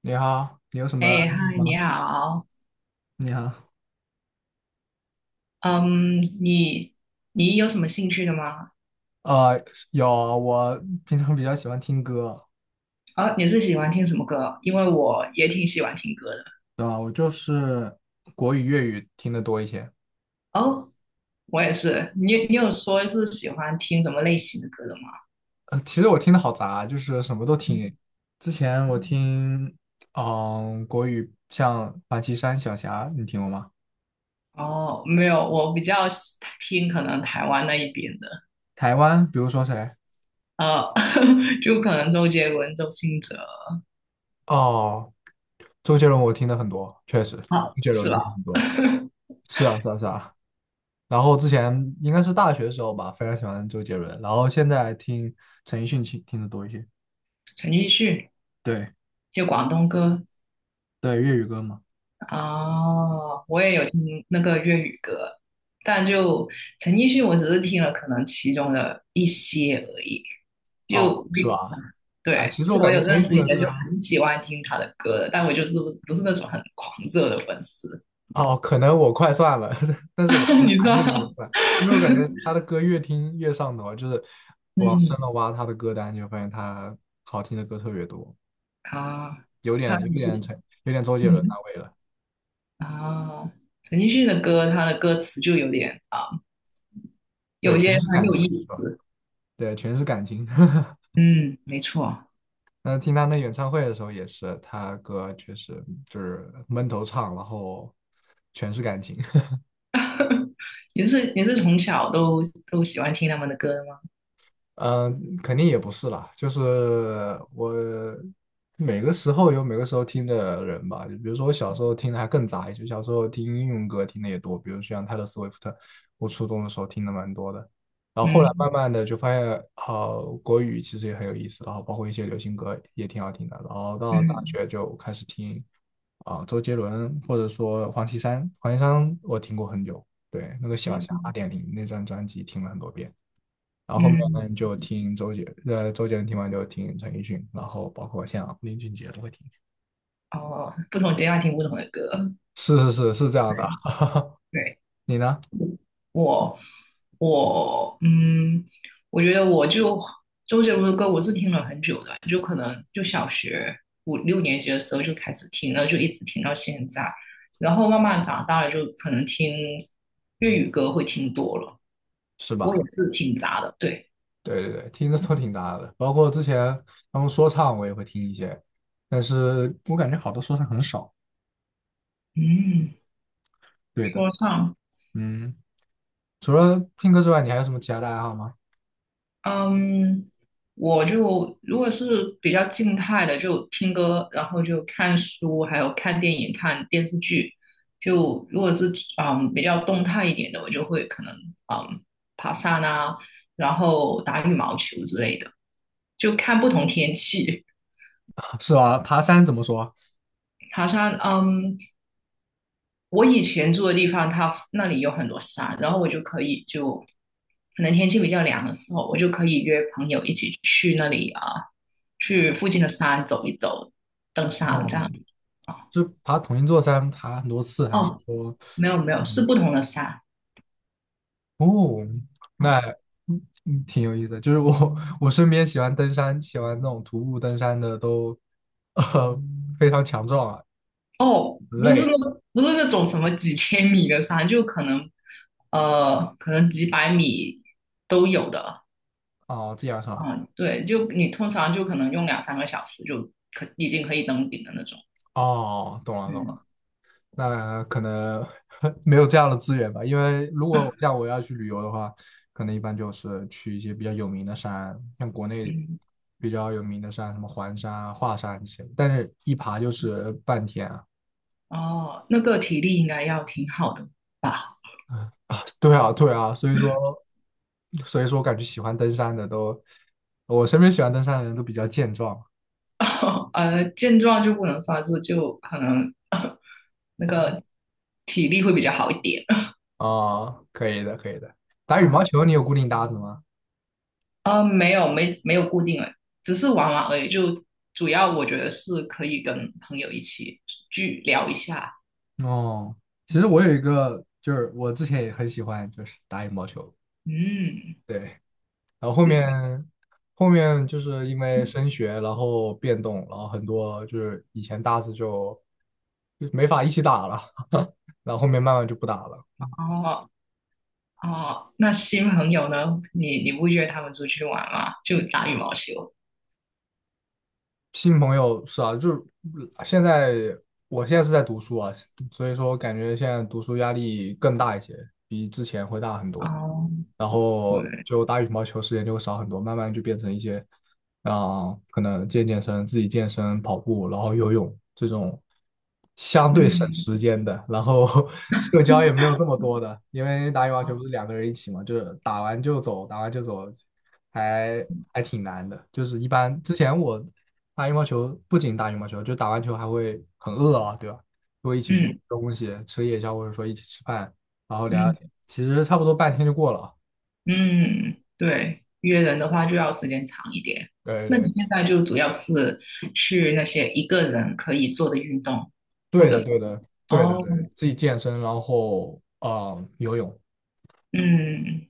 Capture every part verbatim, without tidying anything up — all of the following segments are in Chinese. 你好，你有什么爱好哎，嗨，你吗？好。你好，嗯，你你有什么兴趣的吗？呃，有，我平常比较喜欢听歌，哦，你是喜欢听什么歌？因为我也挺喜欢听歌的。对吧？我就是国语、粤语听的多一些。哦，我也是。你你有说是喜欢听什么类型的歌的吗？呃，其实我听的好杂，就是什么都听。之前我听，嗯、国语像王岐山、小霞，你听过吗？哦，没有，我比较喜听可能台湾那一边的，台湾，比如说谁？呃，就可能周杰伦、周兴哲，哦，周杰伦，我听的很多，确实，啊，周杰是伦听的吧？很多。是啊，是啊，是啊。然后之前应该是大学的时候吧，非常喜欢周杰伦，然后现在听陈奕迅听听的多一些。陈奕迅，对就广东歌。对，粤语歌嘛。哦，我也有听那个粤语歌，但就陈奕迅，我只是听了可能其中的一些而已。哦，就是比 吧？哎，对，其实我就我感觉有陈认奕迅识一的些歌，就很喜欢听他的歌的，但我就是不不是那种很狂热的粉丝。哦，可能我快算了，但是我 你还说？没有这么算，因为我感觉 他的歌越听越上头啊，就是往深嗯了挖他的歌单，就发现他好听的歌特别多，啊，有他点有不点是陈，有点周杰伦嗯那味了。啊，哦陈奕迅的歌，他的歌词就有点啊，对，有全些是很感有情，意是吧？思。对，全是感情。嗯，没错。那听他那演唱会的时候也是，他歌确实就是闷头唱，然后全是感情。你是你是从小都都喜欢听他们的歌的吗？嗯，肯定也不是啦，就是我每个时候有每个时候听的人吧。就比如说我小时候听的还更杂一些，小时候听英文歌听的也多，比如像泰勒·斯威夫特，我初中的时候听的蛮多的。然后后来嗯慢慢的就发现，呃，国语其实也很有意思，然后包括一些流行歌也挺好听的。然后到大嗯学就开始听啊、周杰伦或者说黄绮珊，黄绮珊我听过很久，对，那个小霞二嗯点零那张专辑听了很多遍。然后后嗯，面就听周杰，呃，周杰伦听完就听陈奕迅，然后包括像，林俊杰都会听。哦，不同阶段听不同的歌，是是是是这样的，对对，你呢？我我嗯，我觉得我就周杰伦的歌我是听了很久的，就可能就小学五六年级的时候就开始听了，就一直听到现在，然后慢慢长大了就可能听粤语歌会听多了，是我也吧？是挺杂的，对，对对对，听的都挺杂的，包括之前他们说唱我也会听一些，但是我感觉好多说唱很少。嗯，对的，说唱。嗯，除了听歌之外，你还有什么其他的爱好吗？嗯，我就如果是比较静态的，就听歌，然后就看书，还有看电影、看电视剧。就如果是嗯比较动态一点的，我就会可能嗯爬山啊，然后打羽毛球之类的，就看不同天气。是吧？爬山怎么说？爬山，嗯，我以前住的地方，它那里有很多山，然后我就可以就可能天气比较凉的时候，我就可以约朋友一起去那里啊，去附近的山走一走，登山这样哦，子啊。就爬同一座山，爬很多次，还是哦，说？没有没有，是嗯不同的山啊哦，那嗯嗯挺有意思的。就是我我身边喜欢登山、喜欢那种徒步登山的都，呃，非常强壮啊，哦，不是累那不是那种什么几千米的山，就可能呃可能几百米都有的哦，这样上啊。对，就你通常就可能用两三个小时就可已经可以登顶的那种。哦，懂了懂嗯了。那可能 没有这样的资源吧，因为如果像我要去旅游的话，可能一般就是去一些比较有名的山，像国内嗯。比较有名的山，什么环山啊、华山这些，但是一爬就是半天啊。哦，那个体力应该要挺好的吧？对啊，对啊，所以说，所以说我感觉喜欢登山的都，我身边喜欢登山的人都比较健壮 呃，健壮就不能算是，就可能呃 那个体力会比较好一点啊、可以的，可以的。打羽毛啊。球你有固定搭子吗？呃，没有，没没有固定的，只是玩玩而已。就主要我觉得是可以跟朋友一起去聊一下。哦，其实嗯我有一个，就是我之前也很喜欢，就是打羽毛球。嗯，对，然后后自己面后面就是因为升学，然后变动，然后很多就是以前搭子就就没法一起打了，然后后面慢慢就不打了。哦哦，那新朋友呢？你你不约他们出去玩吗？就打羽毛球。新朋友是啊，就是现在我现在是在读书啊，所以说我感觉现在读书压力更大一些，比之前会大很多。哦，然后对，就打羽毛球时间就会少很多，慢慢就变成一些，啊、可能健健身、自己健身、跑步，然后游泳这种相对省嗯时间的，然后 社交也没有这么多的，因为打羽毛球不是两个人一起嘛，就是打完就走，打完就走，还还挺难的。就是一般之前我打羽毛球，不仅打羽毛球，就打完球还会很饿啊，对吧？就会一起去吃嗯东西，吃夜宵，或者说一起吃饭，然后聊聊天，嗯。其实差不多半天就过了。嗯，对，约人的话就要时间长一点。对那你对现在就主要是去那些一个人可以做的运动，或对者的是对的对哦，的对，自己健身，然后呃游泳嗯，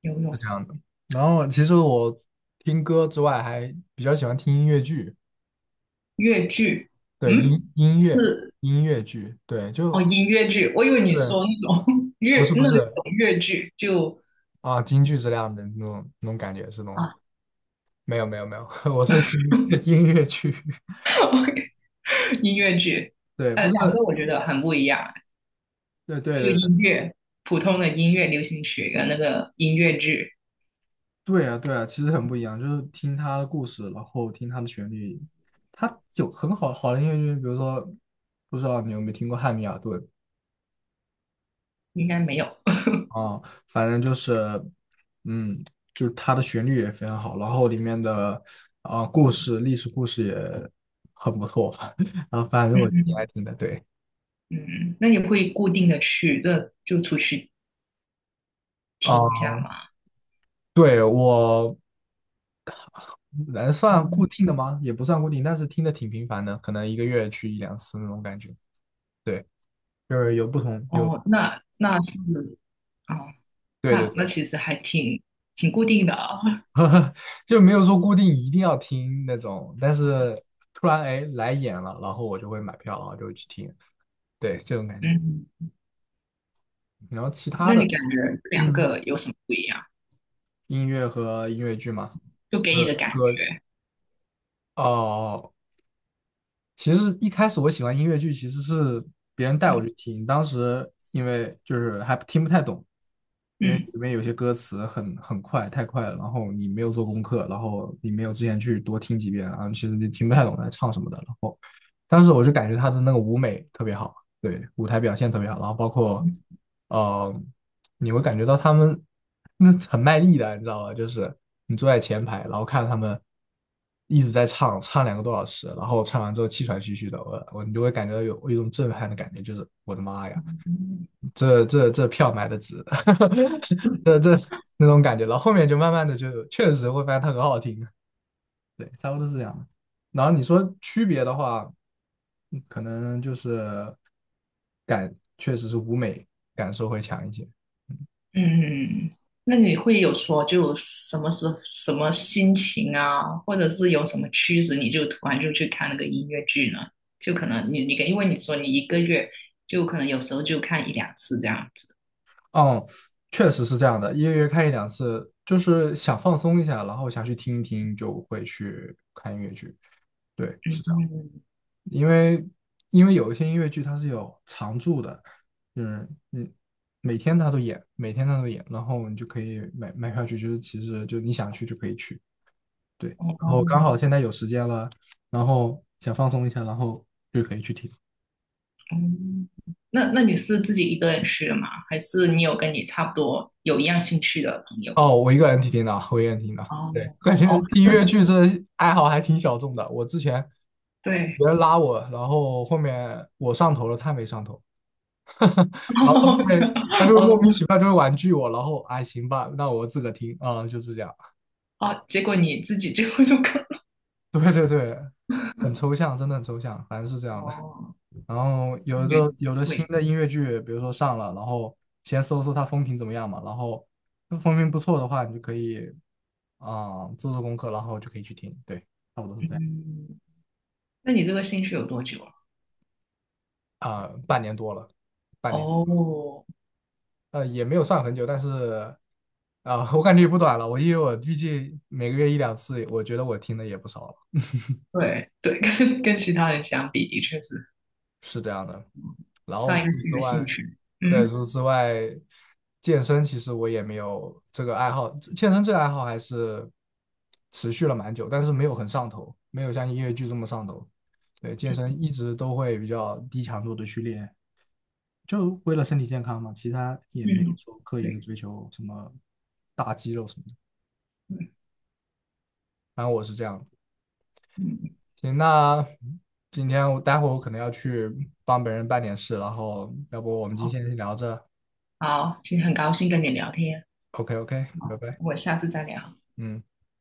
游是泳、这样的。然后其实我听歌之外，还比较喜欢听音乐剧，越剧，对嗯，音音乐是音乐剧，对哦，就音乐剧。我以为你对，说那种 不乐是不那是种越剧，就啊，京剧这样的那种那种感觉是那种，啊 没有没有没有，我是听音 乐剧，，OK，音乐剧，对，呃，不知道两个我觉得很不一样，对就对音乐，普通的音乐流行曲跟那个音乐剧对啊，对啊，其实很不一样，就是听他的故事，然后听他的旋律，他有很好好的音乐剧，比如说，不知道你有没有听过《汉密尔顿》应该没有。啊，反正就是，嗯，就是他的旋律也非常好，然后里面的啊、故事、历史故事也很不错，啊，反 正我挺爱嗯。听的，对。嗯，那你会固定的去，那就出去听一啊，下嘛。对，我能算固嗯，定的吗？也不算固定，但是听的挺频繁的，可能一个月去一两次那种感觉。对，就是有不同，有，哦，那那是，哦，对对那那对。其实还挺挺固定的啊。就没有说固定一定要听那种，但是突然哎来演了，然后我就会买票，然后就会去听，对，这种感觉。嗯，然后其他那的，你感觉这两嗯，个有什么不一样？音乐和音乐剧嘛，就给就你的是感歌觉，哦。其实一开始我喜欢音乐剧，其实是别人带我嗯去听，当时因为就是还听不太懂，因为里面有些歌词很很快，太快了，然后你没有做功课，然后你没有之前去多听几遍，然后其实你听不太懂在唱什么的。然后。当时我就感觉他的那个舞美特别好，对，舞台表现特别好，然后包括，呃，你会感觉到他们那很卖力的，你知道吧？就是你坐在前排，然后看他们一直在唱，唱两个多小时，然后唱完之后气喘吁吁的，我我你就会感觉到有有一种震撼的感觉，就是我的妈呀，嗯。这这这票买的值，这这那种感觉，然后后面就慢慢的就确实会发现它很好听，对，差不多是这样的。然后你说区别的话，嗯可能就是感确实是舞美感受会强一些。嗯，那你会有说就什么时候什么心情啊，或者是有什么趋势，你就突然就去看那个音乐剧呢？就可能你你因为你说你一个月就可能有时候就看一两次这样子。嗯，确实是这样的，一个月看一两次，就是想放松一下，然后想去听一听，就会去看音乐剧。对，是这样，嗯，因为因为有一些音乐剧它是有常驻的，就是嗯，每天它都演，每天它都演，然后你就可以买买票去，就是其实就你想去就可以去。对，然后刚哦，好现在有时间了，然后想放松一下，然后就可以去听。嗯，那那你是自己一个人去的吗？还是你有跟你差不多有一样兴趣的朋友？哦，我一个人听听的，我一个人听的。对，哦感觉哦，听越剧这爱好还挺小众的。我之前呃对，别人拉我，然后后面我上头了，他没上头，然后他哦就这会样他就会哦是莫名其妙就会婉拒我，然后哎行吧，那我自个听啊、嗯就是这样。哦，结果你自己就就看 对对对，很抽象，真的很抽象，反正是这样的。哦，然后有原的来是有的新会，的音乐剧，比如说上了，然后先搜搜它风评怎么样嘛，然后那风评不错的话，你就可以啊、做做功课，然后就可以去听。对，差不多是这样嗯。那你这个兴趣有多久了？啊、半年多了，半年哦，呃也没有算很久，但是啊、我感觉也不短了。我因为我毕竟每个月一两次，我觉得我听的也不少了。对对，跟跟其他人相比，的确是是这样的。然后上除一个此新之的兴外，趣。对，嗯除此之外，健身其实我也没有这个爱好，健身这个爱好还是持续了蛮久，但是没有很上头，没有像音乐剧这么上头。对，健身一直都会比较低强度的去练，就为了身体健康嘛，其他也没有嗯，说刻意的对追求什么大肌肉什么的。对反正我是这样的。嗯，嗯行，那今天我待会儿我可能要去帮别人办点事，然后要不我们今好天先聊着。好，今天很高兴跟你聊天，OK OK，拜好，拜，我下次再聊。嗯。